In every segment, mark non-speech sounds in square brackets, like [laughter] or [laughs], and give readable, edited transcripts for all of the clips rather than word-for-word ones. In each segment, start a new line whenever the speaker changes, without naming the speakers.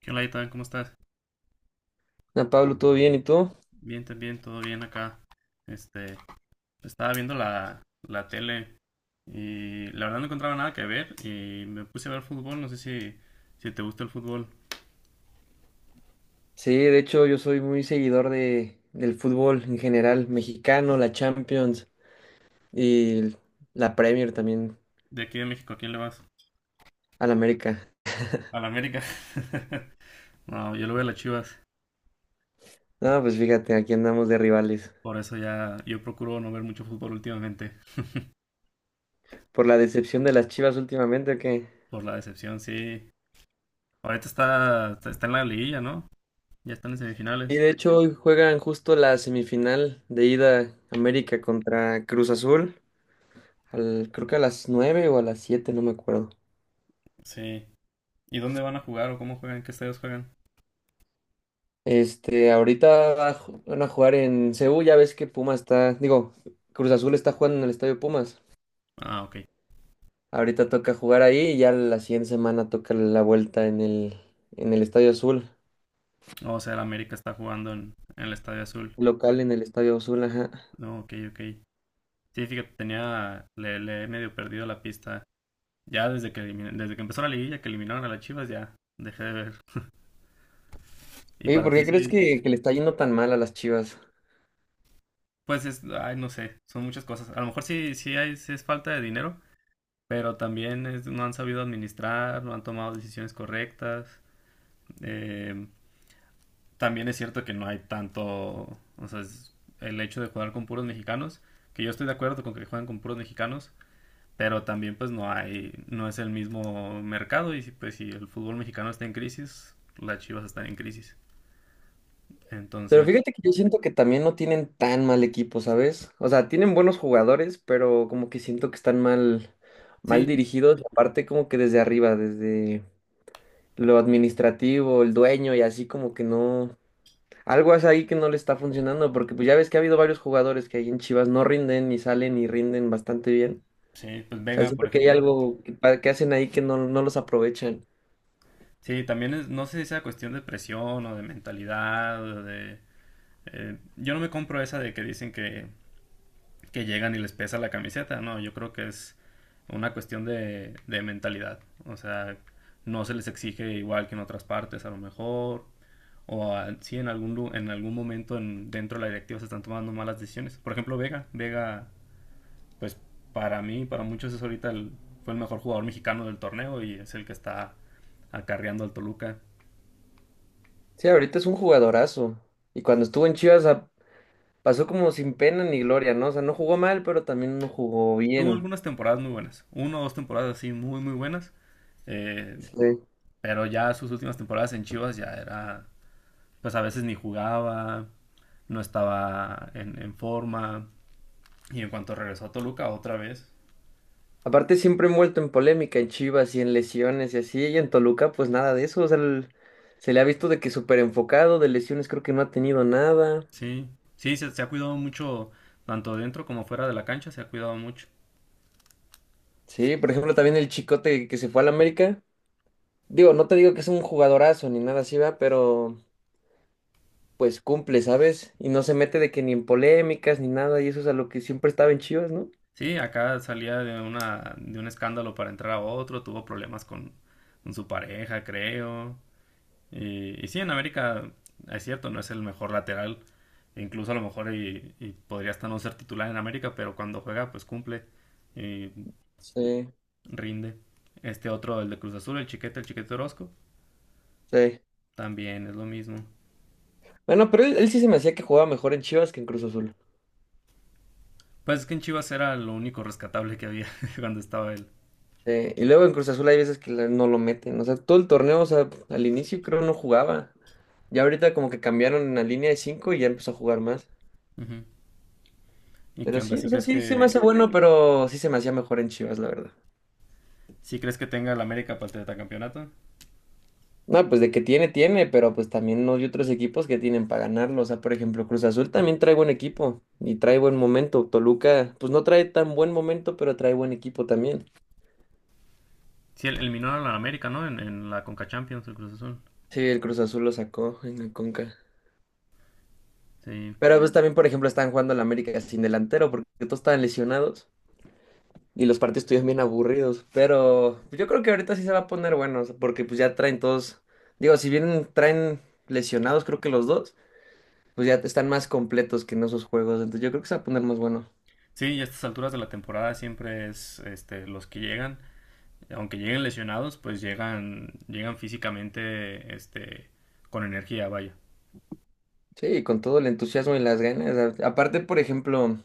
¿Qué onda, Itán? ¿Cómo estás?
Ah, Pablo, ¿todo bien? ¿Y tú?
Bien, también, todo bien acá. Este, estaba viendo la tele y la verdad no encontraba nada que ver y me puse a ver fútbol. No sé si te gusta el fútbol.
Sí, de hecho yo soy muy seguidor del fútbol en general, mexicano, la Champions y la Premier también,
De aquí de México, ¿a quién le vas?
al América.
A la América. [laughs] No, yo lo veo a las Chivas.
No, pues fíjate, aquí andamos de rivales.
Por eso ya yo procuro no ver mucho fútbol últimamente.
Por la decepción de las Chivas últimamente, que...
Por la decepción, sí. Ahorita está en la liguilla, ¿no? Ya están en
Y
semifinales.
de hecho hoy juegan justo la semifinal de ida América contra Cruz Azul, al, creo que a las 9 o a las 7, no me acuerdo.
Sí. ¿Y dónde van a jugar o cómo juegan? ¿En qué estadios juegan?
Ahorita van a jugar en Seúl, ya ves que Pumas está, digo, Cruz Azul está jugando en el Estadio Pumas.
Ah, ok.
Ahorita toca jugar ahí y ya la siguiente semana toca la vuelta en en el Estadio Azul,
Oh, o sea, el América está jugando en el Estadio Azul.
local en el Estadio Azul, ajá.
No, ok, ok. Sí, fíjate, le he medio perdido la pista. Ya desde desde que empezó la liguilla, que eliminaron a las Chivas, ya dejé de ver. Y
¿Y
para
por
ti
qué crees
sí,
que le está yendo tan mal a las Chivas?
pues es, ay, no sé, son muchas cosas. A lo mejor sí es falta de dinero, pero también es- no han sabido administrar, no han tomado decisiones correctas. Eh, también es cierto que no hay tanto, o sea, es el hecho de jugar con puros mexicanos, que yo estoy de acuerdo con que juegan con puros mexicanos, pero también pues no hay, no es el mismo mercado y si, pues si el fútbol mexicano está en crisis, las Chivas están en crisis.
Pero
Entonces,
fíjate que yo siento que también no tienen tan mal equipo, ¿sabes? O sea, tienen buenos jugadores, pero como que siento que están mal, mal
sí,
dirigidos, y aparte como que desde arriba, desde lo administrativo, el dueño y así como que no, algo es ahí que no le está funcionando, porque pues ya ves que ha habido varios jugadores que ahí en Chivas no rinden ni salen y rinden bastante bien.
sí, pues
O sea,
Vega, por
siento que hay
ejemplo.
algo que hacen ahí que no, no los aprovechan.
Sí, también es, no sé si sea cuestión de presión o de mentalidad o de… yo no me compro esa de que dicen que llegan y les pesa la camiseta. No, yo creo que es una cuestión de mentalidad. O sea, no se les exige igual que en otras partes, a lo mejor. O a- sí, en algún momento en- dentro de la directiva se están tomando malas decisiones. Por ejemplo, Vega. Vega, pues para mí, para muchos es ahorita fue el mejor jugador mexicano del torneo y es el que está acarreando al Toluca.
Sí, ahorita es un jugadorazo. Y cuando estuvo en Chivas pasó como sin pena ni gloria, ¿no? O sea, no jugó mal, pero también no jugó
Tuvo
bien.
algunas temporadas muy buenas. Una o dos temporadas así muy, muy buenas. Eh,
Sí.
pero ya sus últimas temporadas en Chivas ya era pues a veces ni jugaba, no estaba en forma. Y en cuanto regresó a Toluca otra vez,
Aparte siempre envuelto en polémica en Chivas y en lesiones y así, y en Toluca pues nada de eso, o sea, se le ha visto de que súper enfocado, de lesiones creo que no ha tenido nada.
sí, sí, se ha cuidado mucho, tanto dentro como fuera de la cancha, se ha cuidado mucho.
Sí, por ejemplo también el Chicote que se fue al América, digo, no te digo que es un jugadorazo ni nada así, va, pero pues cumple, ¿sabes? Y no se mete de que ni en polémicas ni nada, y eso es a lo que siempre estaba en Chivas, ¿no?
Sí, acá salía de de un escándalo para entrar a otro, tuvo problemas con su pareja, creo. Y sí, en América es cierto, no es el mejor lateral. Incluso a lo mejor y podría hasta no ser titular en América, pero cuando juega pues cumple. Y
Sí,
rinde. Este otro, el de Cruz Azul, el Chiquete Orozco,
sí.
también es lo mismo.
Bueno, pero él sí se me hacía que jugaba mejor en Chivas que en Cruz Azul.
Pues es que en Chivas era lo único rescatable que había [laughs] cuando estaba él.
Sí, y luego en Cruz Azul hay veces que no lo meten. O sea, todo el torneo, o sea, al inicio creo no jugaba. Ya ahorita como que cambiaron la línea de 5 y ya empezó a jugar más.
Ujú. ¿Y qué
Pero
onda?
sí,
¿Sí
o sea,
crees
sí se me hace bueno, pero sí se me hacía mejor en Chivas, la verdad.
sí crees que tenga el América para el tetracampeonato?
No, pues de que tiene, tiene, pero pues también no hay otros equipos que tienen para ganarlo. O sea, por ejemplo, Cruz Azul también trae buen equipo y trae buen momento. Toluca, pues no trae tan buen momento, pero trae buen equipo también.
Sí, el- eliminó a la América, ¿no? En la Conca Champions, el Cruz Azul.
Sí, el Cruz Azul lo sacó en el Conca.
Sí.
Pero pues también, por ejemplo, están jugando el América sin delantero porque todos estaban lesionados. Y los partidos estuvieron bien aburridos, pero yo creo que ahorita sí se va a poner bueno, o sea, porque pues ya traen todos, digo, si bien traen lesionados, creo que los dos, pues ya están más completos que en esos juegos, entonces yo creo que se va a poner más bueno.
Sí, y a estas alturas de la temporada siempre es este, los que llegan, aunque lleguen lesionados, pues llegan, llegan físicamente este, con energía, vaya.
Sí, con todo el entusiasmo y las ganas. Aparte, por ejemplo,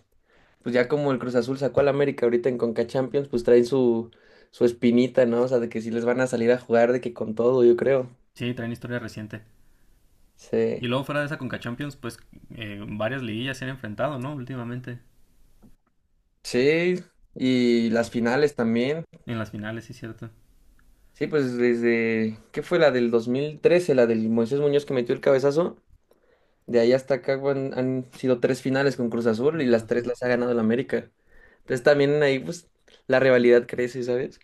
pues ya como el Cruz Azul sacó al América ahorita en Conca Champions, pues traen su espinita, ¿no? O sea, de que si les van a salir a jugar, de que con todo, yo creo.
Sí, traen historia reciente. Y
Sí.
luego fuera de esa Conca Champions, pues varias liguillas se han enfrentado, ¿no? Últimamente.
Sí, y las finales también.
En las finales, sí, cierto.
Sí, pues desde, ¿qué fue la del 2013, la del Moisés Muñoz que metió el cabezazo? De ahí hasta acá han sido 3 finales con Cruz Azul
Y
y
Cruz
las 3
Azul.
las ha ganado el América. Entonces también ahí pues la rivalidad crece, ¿sabes?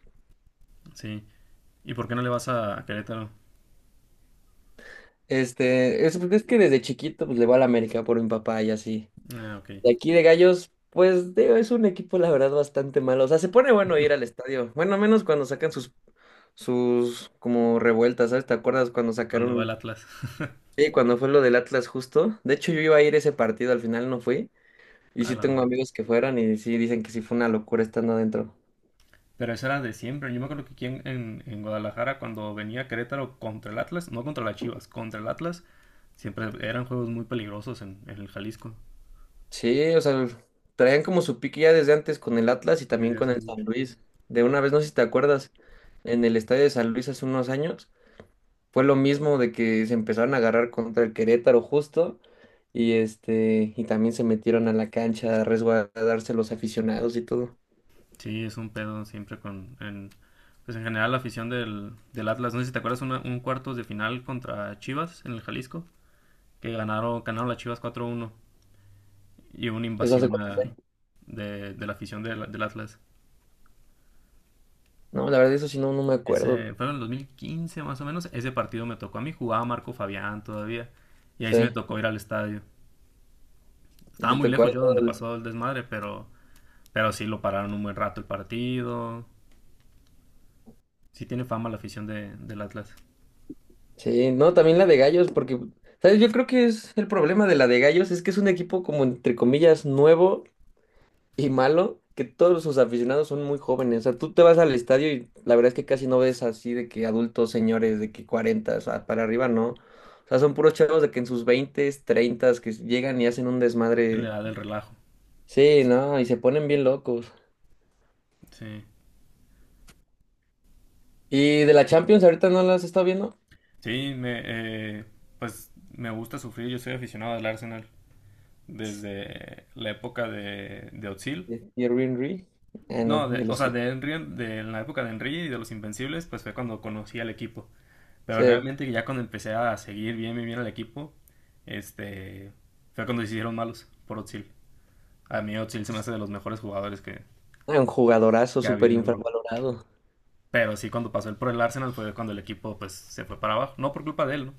Sí. ¿Y por qué no le vas a Querétaro?
Es, pues, es que desde chiquito pues le voy al América por mi papá y así.
Ah, ok.
De aquí de Gallos, pues digo, es un equipo la verdad bastante malo. O sea, se pone bueno ir al estadio. Bueno, menos cuando sacan sus, sus como revueltas, ¿sabes? ¿Te acuerdas cuando
Cuando va el
sacaron?
Atlas. [laughs]
Sí, cuando fue lo del Atlas justo. De hecho, yo iba a ir a ese partido, al final no fui. Y
A
sí
la
tengo
madre.
amigos que fueron y sí dicen que sí fue una locura estando adentro.
Pero eso era de siempre. Yo me acuerdo que aquí en Guadalajara, cuando venía Querétaro contra el Atlas, no contra las Chivas, contra el Atlas, siempre eran juegos muy peligrosos en el Jalisco.
Sí, o sea, traían como su pique ya desde antes con el Atlas y también
Desde
con
hace
el San
mucho.
Luis. De una vez, no sé si te acuerdas, en el estadio de San Luis hace unos años, fue lo mismo de que se empezaron a agarrar contra el Querétaro justo y este, y también se metieron a la cancha a resguardarse los aficionados y todo.
Sí, es un pedo siempre con… En, pues en general la afición del Atlas. No sé si te acuerdas una- un cuartos de final contra Chivas en el Jalisco, que ganaron, ganaron las Chivas 4-1 y hubo una
¿Eso hace
invasión
cuánto
a-
fue?
de la afición del Atlas.
No, la verdad, eso sí no, no me acuerdo.
Ese fue en el 2015 más o menos. Ese partido me tocó a mí. Jugaba Marco Fabián todavía. Y ahí sí me
Sí.
tocó ir al estadio.
Y
Estaba
te
muy
tocó ahí
lejos yo
todo
donde pasó el desmadre, pero sí lo pararon un buen rato el partido. Sí tiene fama la afición de, del Atlas.
Sí, no, también la de Gallos, porque, ¿sabes? Yo creo que es el problema de la de Gallos, es que es un equipo como entre comillas nuevo y malo, que todos sus aficionados son muy jóvenes. O sea, tú te vas al estadio y la verdad es que casi no ves así de que adultos, señores, de que 40, o sea, para arriba no. O sea, son puros chavos de que en sus 20, 30, que llegan y hacen un
En la
desmadre.
edad del relajo.
Sí, no, y se ponen bien locos.
Sí.
¿Y de la Champions ahorita no las has estado viendo?
Sí, pues me gusta sufrir. Yo soy aficionado al Arsenal desde la época de Özil.
¿Y Henry? Ah, no,
No, de,
de
o
los
sea,
sí.
de Henry, de la época de Henry y de los Invencibles, pues fue cuando conocí al equipo. Pero realmente ya cuando empecé a seguir bien, bien, bien al equipo, este, fue cuando se hicieron malos por Özil. A mí Özil se me
Sí.
hace de los mejores jugadores
Ah, un jugadorazo
que ha
súper
habido en Europa.
infravalorado.
Pero sí, cuando pasó él por el Arsenal fue cuando el equipo pues se fue para abajo. No por culpa de él, ¿no?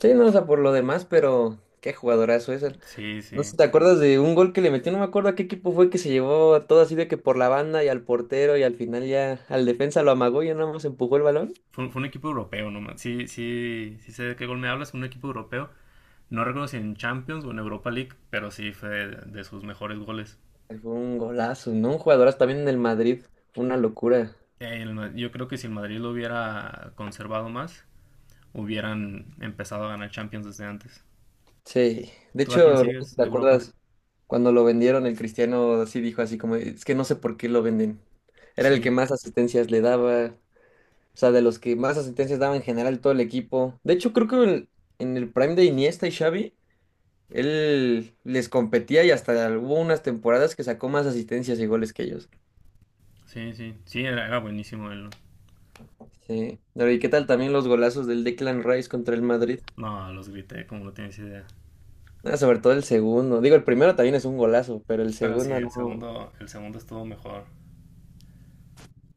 Sí, no, o sea, por lo demás, pero qué jugadorazo es él.
Sí,
No
sí.
sé, ¿te acuerdas de un gol que le metió? No me acuerdo a qué equipo fue, que se llevó a todo así de que por la banda y al portero y al final ya al defensa lo amagó y ya nada más empujó el balón.
Fue un equipo europeo, no más. Sí, sí, sí sé de qué gol me hablas, un equipo europeo. No recuerdo si en Champions o en Europa League, pero sí fue de sus mejores goles.
Ay, fue un golazo, ¿no? Un jugadorazo también en el Madrid. Fue una locura.
El Ma- yo creo que si el Madrid lo hubiera conservado más, hubieran empezado a ganar Champions desde antes.
Sí. De
¿Tú a quién
hecho,
sigues
¿te
de Europa?
acuerdas cuando lo vendieron? El Cristiano así dijo así como, es que no sé por qué lo venden. Era el
Sí,
que más asistencias le daba. O sea, de los que más asistencias daba en general todo el equipo. De hecho, creo que en el prime de Iniesta y Xavi, él les competía y hasta hubo unas temporadas que sacó más asistencias y goles que ellos.
sí, sí. Sí, era buenísimo él.
Sí. Pero ¿y qué tal también los golazos del Declan Rice contra el Madrid?
No, no, los grité, como no tienes idea.
Ah, sobre todo el segundo. Digo, el primero también es un golazo, pero el
Pero sí,
segundo no.
el segundo estuvo mejor.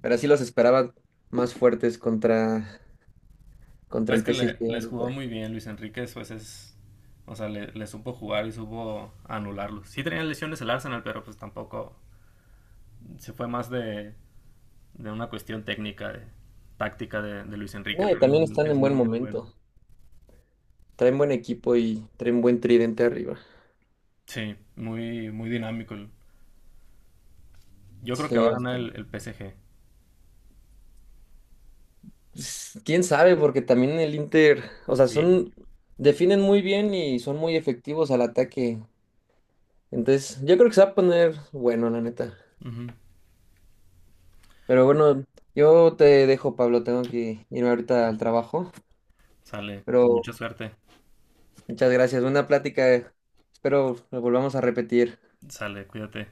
Pero sí los esperaban más fuertes contra
Es
el
que le-
PSG
les jugó
ahorita.
muy bien Luis Enrique, pues es… O sea, le supo jugar y supo anularlos. Sí tenía lesiones el Arsenal, pero pues tampoco… Se fue más de una cuestión técnica, de, táctica de Luis Enrique.
No, y
También
también
él
están
es
en buen
muy, muy bueno.
momento. Traen buen equipo y traen buen tridente arriba.
Sí, muy, muy dinámico. El- Yo creo que va
Sí,
a ganar el PSG.
Quién sabe, porque también el Inter, o sea,
Sí.
son, definen muy bien y son muy efectivos al ataque. Entonces, yo creo que se va a poner bueno, la neta.
Ujú.
Pero bueno, yo te dejo, Pablo, tengo que irme ahorita al trabajo.
Sale. Pues
Pero
mucha suerte.
muchas gracias, buena plática, eh. Espero lo volvamos a repetir.
Sale, cuídate.